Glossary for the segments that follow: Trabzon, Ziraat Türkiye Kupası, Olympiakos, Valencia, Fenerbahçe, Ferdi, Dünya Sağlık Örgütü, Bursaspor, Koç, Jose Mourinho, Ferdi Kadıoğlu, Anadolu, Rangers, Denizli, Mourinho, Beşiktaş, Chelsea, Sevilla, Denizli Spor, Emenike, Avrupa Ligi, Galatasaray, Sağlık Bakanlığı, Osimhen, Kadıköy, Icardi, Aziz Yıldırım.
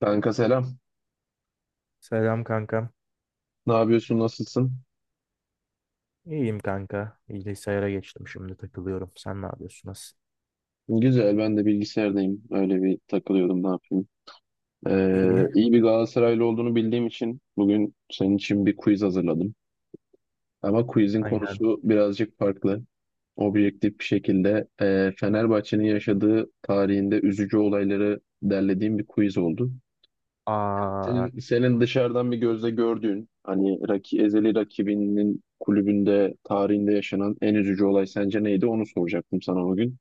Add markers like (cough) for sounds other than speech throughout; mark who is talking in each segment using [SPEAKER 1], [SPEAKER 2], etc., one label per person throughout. [SPEAKER 1] Kanka selam.
[SPEAKER 2] Selam kankam.
[SPEAKER 1] Ne yapıyorsun? Nasılsın?
[SPEAKER 2] İyiyim kanka. Bilgisayara geçtim şimdi takılıyorum. Sen ne yapıyorsun? Nasıl?
[SPEAKER 1] Güzel. Ben de bilgisayardayım. Öyle bir takılıyordum. Ne yapayım?
[SPEAKER 2] İyi.
[SPEAKER 1] İyi bir Galatasaraylı olduğunu bildiğim için bugün senin için bir quiz hazırladım. Ama quizin
[SPEAKER 2] Aynen.
[SPEAKER 1] konusu birazcık farklı. Objektif bir şekilde Fenerbahçe'nin yaşadığı tarihinde üzücü olayları derlediğim bir quiz oldu.
[SPEAKER 2] Aa,
[SPEAKER 1] Senin dışarıdan bir gözle gördüğün, hani ezeli rakibinin kulübünde tarihinde yaşanan en üzücü olay sence neydi? Onu soracaktım sana bugün.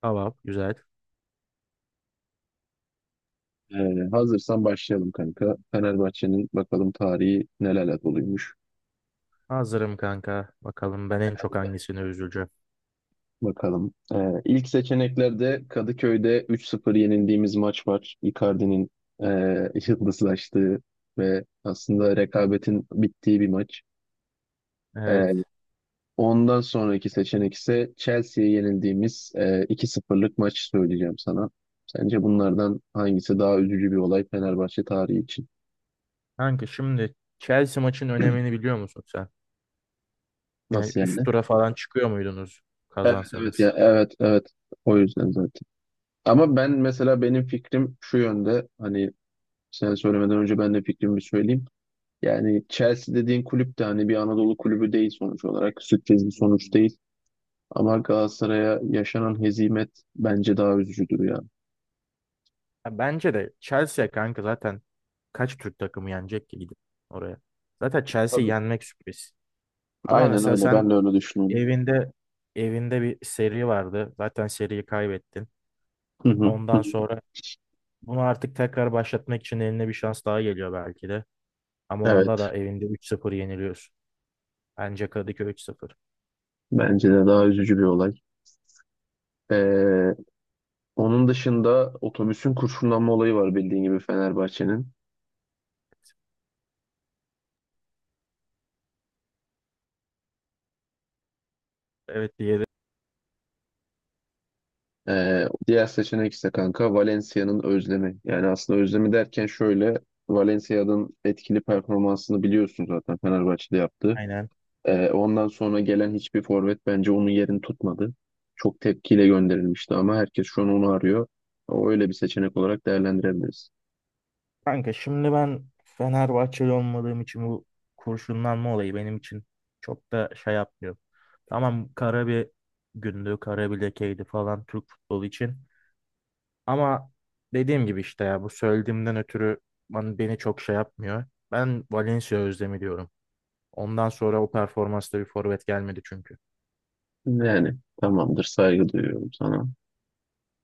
[SPEAKER 2] tamam güzel.
[SPEAKER 1] Hazırsan başlayalım kanka. Fenerbahçe'nin bakalım tarihi nelerle doluymuş.
[SPEAKER 2] Hazırım kanka. Bakalım ben en çok hangisini üzüleceğim.
[SPEAKER 1] Bakalım. İlk seçeneklerde Kadıköy'de 3-0 yenildiğimiz maç var. Icardi'nin (laughs) yıldızlaştığı ve aslında rekabetin bittiği bir maç. Ee,
[SPEAKER 2] Evet.
[SPEAKER 1] ondan sonraki seçenek ise Chelsea'ye yenildiğimiz 2-0'lık maç söyleyeceğim sana. Sence bunlardan hangisi daha üzücü bir olay Fenerbahçe tarihi için?
[SPEAKER 2] Kanka şimdi Chelsea maçın önemini biliyor musun sen? Yani
[SPEAKER 1] Nasıl
[SPEAKER 2] üst
[SPEAKER 1] yani?
[SPEAKER 2] tura falan çıkıyor muydunuz
[SPEAKER 1] Evet, evet, ya,
[SPEAKER 2] kazansanız?
[SPEAKER 1] evet, evet, o yüzden zaten. Ama ben mesela benim fikrim şu yönde hani sen söylemeden önce ben de fikrimi söyleyeyim. Yani Chelsea dediğin kulüp de hani bir Anadolu kulübü değil sonuç olarak. Sürpriz bir sonuç değil. Ama Galatasaray'a yaşanan hezimet bence daha üzücüdür ya.
[SPEAKER 2] Ya bence de Chelsea kanka, zaten kaç Türk takımı yenecek ki gidip oraya? Zaten Chelsea
[SPEAKER 1] Tabii.
[SPEAKER 2] yenmek sürpriz. Ama
[SPEAKER 1] Aynen
[SPEAKER 2] mesela
[SPEAKER 1] öyle. Ben
[SPEAKER 2] sen,
[SPEAKER 1] de öyle düşünüyorum.
[SPEAKER 2] Evinde evinde bir seri vardı. Zaten seriyi kaybettin.
[SPEAKER 1] Hı hı, hı.
[SPEAKER 2] Ondan sonra bunu artık tekrar başlatmak için eline bir şans daha geliyor belki de. Ama onda
[SPEAKER 1] Evet.
[SPEAKER 2] da evinde 3-0 yeniliyorsun. Bence Kadıköy 3-0.
[SPEAKER 1] Bence de daha üzücü bir olay. Ee, onun dışında otobüsün kurşunlanma olayı var bildiğin gibi Fenerbahçe'nin.
[SPEAKER 2] Evet, diğeri.
[SPEAKER 1] Diğer seçenek ise kanka Valencia'nın özlemi. Yani aslında özlemi derken şöyle Valencia'nın etkili performansını biliyorsun zaten Fenerbahçe'de yaptı.
[SPEAKER 2] Aynen.
[SPEAKER 1] Ondan sonra gelen hiçbir forvet bence onun yerini tutmadı. Çok tepkiyle gönderilmişti ama herkes şu an onu arıyor. O öyle bir seçenek olarak değerlendirebiliriz.
[SPEAKER 2] Kanka şimdi ben Fenerbahçeli olmadığım için bu kurşunlanma olayı benim için çok da şey yapmıyor. Tamam, kara bir gündü, kara bir lekeydi falan Türk futbolu için. Ama dediğim gibi işte ya, bu söylediğimden ötürü beni çok şey yapmıyor. Ben Valencia özlemi diyorum. Ondan sonra o performansta bir forvet gelmedi çünkü.
[SPEAKER 1] Yani tamamdır, saygı duyuyorum sana.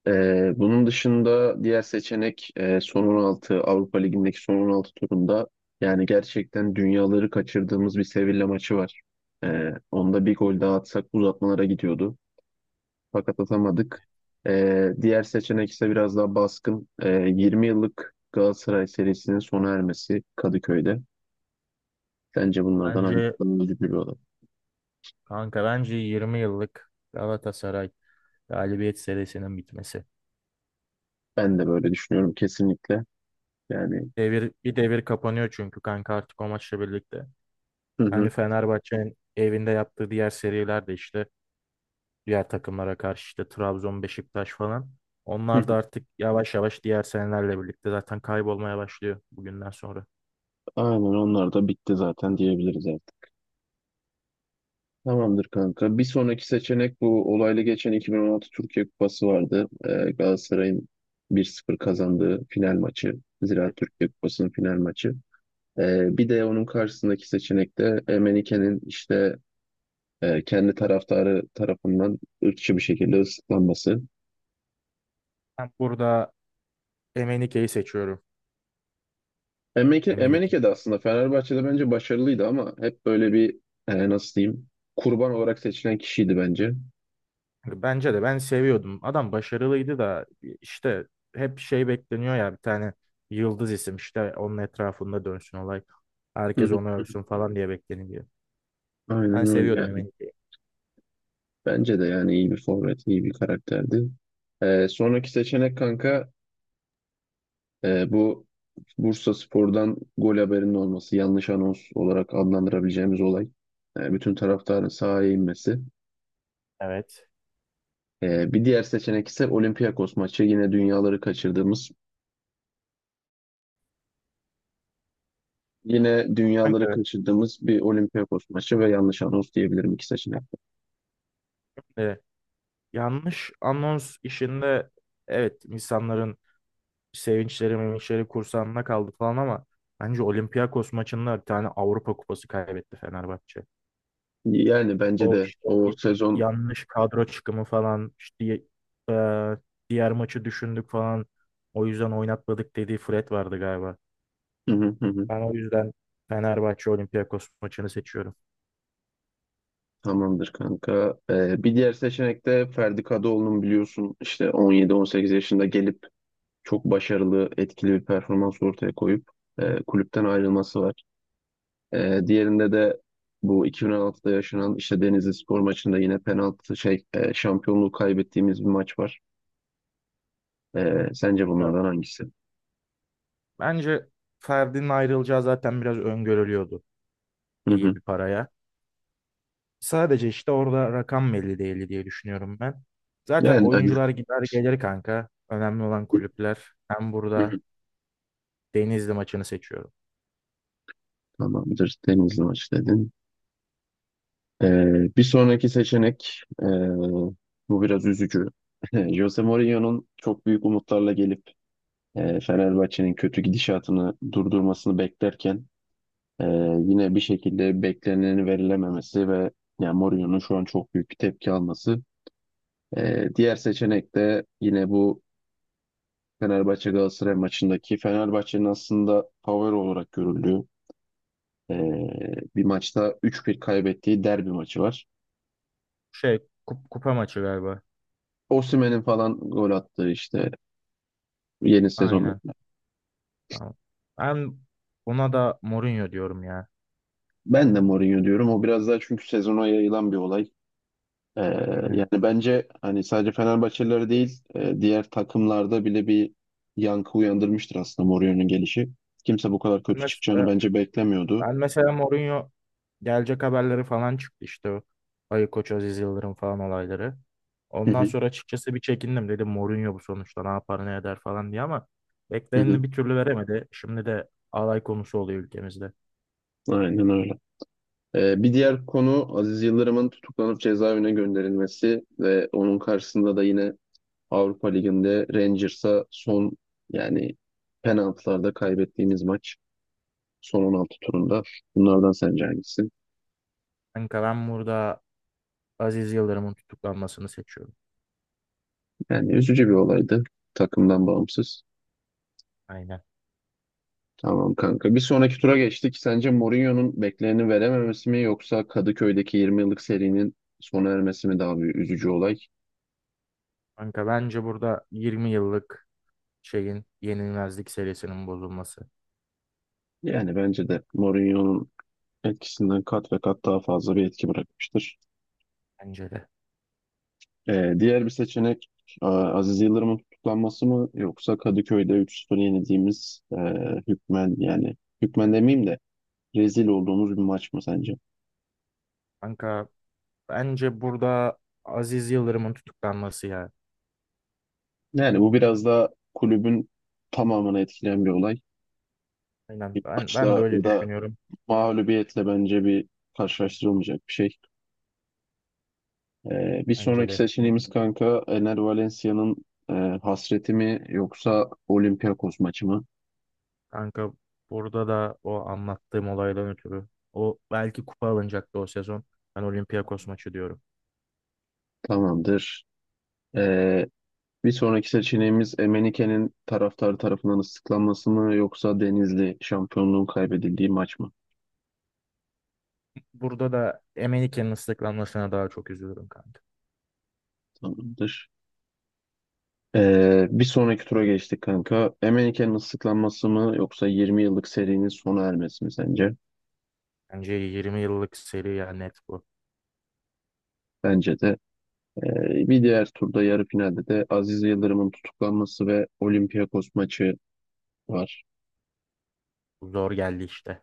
[SPEAKER 1] Bunun dışında diğer seçenek son 16 Avrupa Ligi'ndeki son 16 turunda yani gerçekten dünyaları kaçırdığımız bir Sevilla maçı var. Onda bir gol daha atsak uzatmalara gidiyordu. Fakat atamadık. Diğer seçenek ise biraz daha baskın. 20 yıllık Galatasaray serisinin sona ermesi Kadıköy'de. Bence bunlardan hangisi
[SPEAKER 2] Bence
[SPEAKER 1] daha üzücü bir olay?
[SPEAKER 2] kanka, bence 20 yıllık Galatasaray galibiyet serisinin bitmesi.
[SPEAKER 1] Ben de böyle düşünüyorum kesinlikle. Yani,
[SPEAKER 2] Bir devir kapanıyor çünkü kanka artık o maçla birlikte.
[SPEAKER 1] hı
[SPEAKER 2] Hani
[SPEAKER 1] hı.
[SPEAKER 2] Fenerbahçe'nin evinde yaptığı diğer seriler de işte diğer takımlara karşı işte Trabzon, Beşiktaş falan.
[SPEAKER 1] Hı
[SPEAKER 2] Onlar da
[SPEAKER 1] hı.
[SPEAKER 2] artık yavaş yavaş diğer senelerle birlikte zaten kaybolmaya başlıyor bugünden sonra.
[SPEAKER 1] Aynen onlar da bitti zaten diyebiliriz. Tamamdır kanka. Bir sonraki seçenek bu olaylı geçen 2016 Türkiye Kupası vardı. Galatasaray'ın 1-0 kazandığı final maçı.
[SPEAKER 2] Evet,
[SPEAKER 1] Ziraat Türkiye Kupası'nın final maçı. Bir de onun karşısındaki seçenek de Emenike'nin işte kendi taraftarı tarafından ırkçı bir şekilde ıslıklanması.
[SPEAKER 2] ben burada Emenike'yi seçiyorum.
[SPEAKER 1] Emenike,
[SPEAKER 2] Emenike.
[SPEAKER 1] Emenike de aslında Fenerbahçe'de bence başarılıydı ama hep böyle bir nasıl diyeyim, kurban olarak seçilen kişiydi bence.
[SPEAKER 2] Bence de ben seviyordum. Adam başarılıydı da işte hep şey bekleniyor ya, bir tane yıldız isim işte onun etrafında dönsün olay.
[SPEAKER 1] Hı
[SPEAKER 2] Herkes
[SPEAKER 1] hı.
[SPEAKER 2] onu övsün falan diye bekleniyor. Ben
[SPEAKER 1] Aynen
[SPEAKER 2] seviyordum
[SPEAKER 1] öyle.
[SPEAKER 2] Emenike'yi.
[SPEAKER 1] Bence de yani iyi bir forvet, iyi bir karakterdi. Sonraki seçenek kanka bu Bursaspor'dan gol haberinin olması, yanlış anons olarak adlandırabileceğimiz olay. Bütün taraftarın sahaya inmesi.
[SPEAKER 2] Evet.
[SPEAKER 1] Bir diğer seçenek ise Olympiakos maçı. Yine dünyaları kaçırdığımız, yine dünyaları
[SPEAKER 2] Kanka,
[SPEAKER 1] kaçırdığımız bir Olympiakos maçı ve yanlış anons diyebilirim iki seçenek.
[SPEAKER 2] e, yanlış anons işinde evet insanların sevinçleri mevinçleri kursağında kaldı falan, ama bence Olympiakos maçında bir tane Avrupa Kupası kaybetti Fenerbahçe.
[SPEAKER 1] Yani bence
[SPEAKER 2] O
[SPEAKER 1] de
[SPEAKER 2] işte
[SPEAKER 1] o sezon.
[SPEAKER 2] yanlış kadro çıkımı falan işte e, diğer maçı düşündük falan o yüzden oynatmadık dediği Fred vardı galiba.
[SPEAKER 1] (laughs)
[SPEAKER 2] Ben o yüzden Fenerbahçe Olympiakos maçını seçiyorum.
[SPEAKER 1] Tamamdır kanka. Bir diğer seçenek de Ferdi Kadıoğlu'nun biliyorsun işte 17-18 yaşında gelip çok başarılı, etkili bir performans ortaya koyup kulüpten ayrılması var. Diğerinde de bu 2016'da yaşanan işte Denizli Spor maçında yine penaltı şampiyonluğu kaybettiğimiz bir maç var. Sence
[SPEAKER 2] Ya,
[SPEAKER 1] bunlardan hangisi?
[SPEAKER 2] bence Ferdi'nin ayrılacağı zaten biraz öngörülüyordu,
[SPEAKER 1] Hı
[SPEAKER 2] iyi
[SPEAKER 1] hı.
[SPEAKER 2] bir paraya. Sadece işte orada rakam belli değildi diye düşünüyorum ben. Zaten
[SPEAKER 1] Yani aynen.
[SPEAKER 2] oyuncular gider gelir kanka. Önemli olan kulüpler. Ben
[SPEAKER 1] Hı hı.
[SPEAKER 2] burada Denizli maçını seçiyorum.
[SPEAKER 1] Tamamdır. Denizli maç dedin. Bir sonraki seçenek, bu biraz üzücü. (laughs) Jose Mourinho'nun çok büyük umutlarla gelip Fenerbahçe'nin kötü gidişatını durdurmasını beklerken ee, yine bir şekilde bekleneni verilememesi ve yani Mourinho'nun şu an çok büyük bir tepki alması. Diğer seçenek de yine bu Fenerbahçe Galatasaray maçındaki Fenerbahçe'nin aslında favori olarak görüldüğü ee, bir maçta 3-1 kaybettiği derbi maçı var.
[SPEAKER 2] Şey, kupa maçı galiba.
[SPEAKER 1] Osimhen'in falan gol attığı işte yeni
[SPEAKER 2] Aynen.
[SPEAKER 1] sezondakiler.
[SPEAKER 2] Tamam. Ben buna da Mourinho diyorum ya.
[SPEAKER 1] Ben de Mourinho diyorum. O biraz daha çünkü sezona yayılan bir olay. Ee,
[SPEAKER 2] Aynen.
[SPEAKER 1] yani bence hani sadece Fenerbahçeliler değil, diğer takımlarda bile bir yankı uyandırmıştır aslında Mourinho'nun gelişi. Kimse bu kadar
[SPEAKER 2] Ben
[SPEAKER 1] kötü çıkacağını
[SPEAKER 2] mesela,
[SPEAKER 1] bence beklemiyordu.
[SPEAKER 2] ben mesela Mourinho gelecek haberleri falan çıktı işte. Ayı Koç Aziz Yıldırım falan olayları.
[SPEAKER 1] Hı
[SPEAKER 2] Ondan
[SPEAKER 1] hı,
[SPEAKER 2] sonra açıkçası bir çekindim. Dedim Mourinho bu sonuçta ne yapar ne eder falan diye, ama
[SPEAKER 1] hı hı.
[SPEAKER 2] bekleneni bir türlü veremedi. Şimdi de alay konusu oluyor ülkemizde.
[SPEAKER 1] Aynen öyle. Bir diğer konu Aziz Yıldırım'ın tutuklanıp cezaevine gönderilmesi ve onun karşısında da yine Avrupa Ligi'nde Rangers'a son, yani penaltılarda kaybettiğimiz maç. Son 16 turunda. Bunlardan sence hangisi?
[SPEAKER 2] Kanka ben burada Aziz Yıldırım'ın tutuklanmasını seçiyorum.
[SPEAKER 1] Yani üzücü bir olaydı. Takımdan bağımsız.
[SPEAKER 2] Aynen.
[SPEAKER 1] Tamam kanka. Bir sonraki tura geçtik. Sence Mourinho'nun bekleneni verememesi mi yoksa Kadıköy'deki 20 yıllık serinin sona ermesi mi daha bir üzücü olay?
[SPEAKER 2] Kanka bence burada 20 yıllık şeyin yenilmezlik serisinin bozulması.
[SPEAKER 1] Yani bence de Mourinho'nun etkisinden kat ve kat daha fazla bir etki bırakmıştır.
[SPEAKER 2] Bence de.
[SPEAKER 1] Diğer bir seçenek Aziz Yıldırım'ın tutuklanması mı yoksa Kadıköy'de üç 0 yenildiğimiz hükmen yani hükmen demeyeyim de rezil olduğumuz bir maç mı sence?
[SPEAKER 2] Kanka bence burada Aziz Yıldırım'ın tutuklanması ya.
[SPEAKER 1] Yani bu biraz da kulübün tamamını etkileyen bir olay.
[SPEAKER 2] Aynen,
[SPEAKER 1] Bir
[SPEAKER 2] ben de
[SPEAKER 1] maçla
[SPEAKER 2] öyle
[SPEAKER 1] ya da
[SPEAKER 2] düşünüyorum,
[SPEAKER 1] mağlubiyetle bence bir karşılaştırılmayacak bir şey. Bir
[SPEAKER 2] bence
[SPEAKER 1] sonraki
[SPEAKER 2] de.
[SPEAKER 1] seçeneğimiz kanka Ener Valencia'nın e, hasreti mi yoksa Olympiakos maçı mı?
[SPEAKER 2] Kanka burada da o anlattığım olaydan ötürü o belki kupa alınacaktı o sezon. Ben Olympiakos maçı diyorum.
[SPEAKER 1] Tamamdır. Ee, bir sonraki seçeneğimiz Emenike'nin taraftarı tarafından ıslıklanması mı yoksa Denizli şampiyonluğun kaybedildiği maç mı?
[SPEAKER 2] Burada da Emenike'nin ıslıklanmasına daha çok üzülürüm kanka.
[SPEAKER 1] Tamamdır. Bir sonraki tura geçtik kanka. Emenike'nin ıslıklanması mı yoksa 20 yıllık serinin sona ermesi mi sence?
[SPEAKER 2] Bence 20 yıllık seri ya, net bu.
[SPEAKER 1] Bence de. Bir diğer turda yarı finalde de Aziz Yıldırım'ın tutuklanması ve Olympiakos maçı var.
[SPEAKER 2] Zor geldi işte.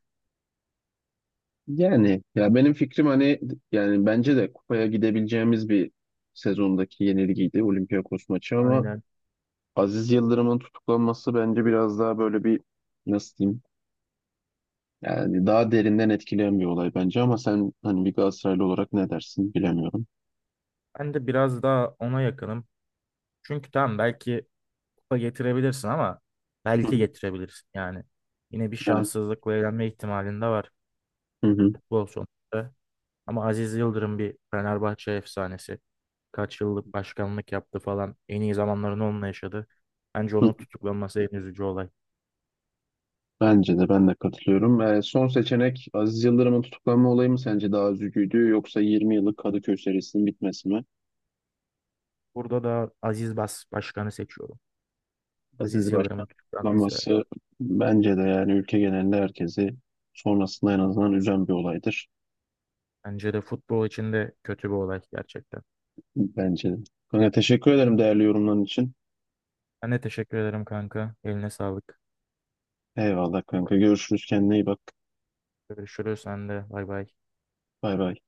[SPEAKER 1] Yani ya benim fikrim hani yani bence de kupaya gidebileceğimiz bir sezondaki yenilgiydi Olympiakos maçı ama
[SPEAKER 2] Aynen.
[SPEAKER 1] Aziz Yıldırım'ın tutuklanması bence biraz daha böyle bir nasıl diyeyim, yani daha derinden etkileyen bir olay bence ama sen hani bir Galatasaraylı olarak ne dersin bilemiyorum.
[SPEAKER 2] Ben de biraz daha ona yakınım. Çünkü tamam belki kupa getirebilirsin ama
[SPEAKER 1] Hı
[SPEAKER 2] belki
[SPEAKER 1] hı.
[SPEAKER 2] getirebilirsin yani. Yine bir
[SPEAKER 1] Ben,
[SPEAKER 2] şanssızlıkla elenme ihtimalin de var,
[SPEAKER 1] hı hı.
[SPEAKER 2] futbol sonuçta. Ama Aziz Yıldırım bir Fenerbahçe efsanesi. Kaç yıllık başkanlık yaptı falan. En iyi zamanlarını onunla yaşadı. Bence
[SPEAKER 1] Hı.
[SPEAKER 2] onun tutuklanması en üzücü olay.
[SPEAKER 1] Bence de, ben de katılıyorum. Son seçenek Aziz Yıldırım'ın tutuklanma olayı mı sence daha üzücüydü yoksa 20 yıllık Kadıköy serisinin bitmesi mi?
[SPEAKER 2] Burada da Aziz başkanı seçiyorum. Aziz
[SPEAKER 1] Aziz Başkan
[SPEAKER 2] Yıldırım'ın tutuklanması
[SPEAKER 1] tutuklanması bence de yani ülke genelinde herkesi sonrasında en azından üzen bir olaydır.
[SPEAKER 2] bence de futbol için de kötü bir olay gerçekten.
[SPEAKER 1] Bence de. Kanka teşekkür ederim değerli yorumların için.
[SPEAKER 2] Ben de teşekkür ederim kanka. Eline sağlık.
[SPEAKER 1] Eyvallah kanka, görüşürüz, kendine iyi bak.
[SPEAKER 2] Görüşürüz sen de. Bay bay.
[SPEAKER 1] Bay bay.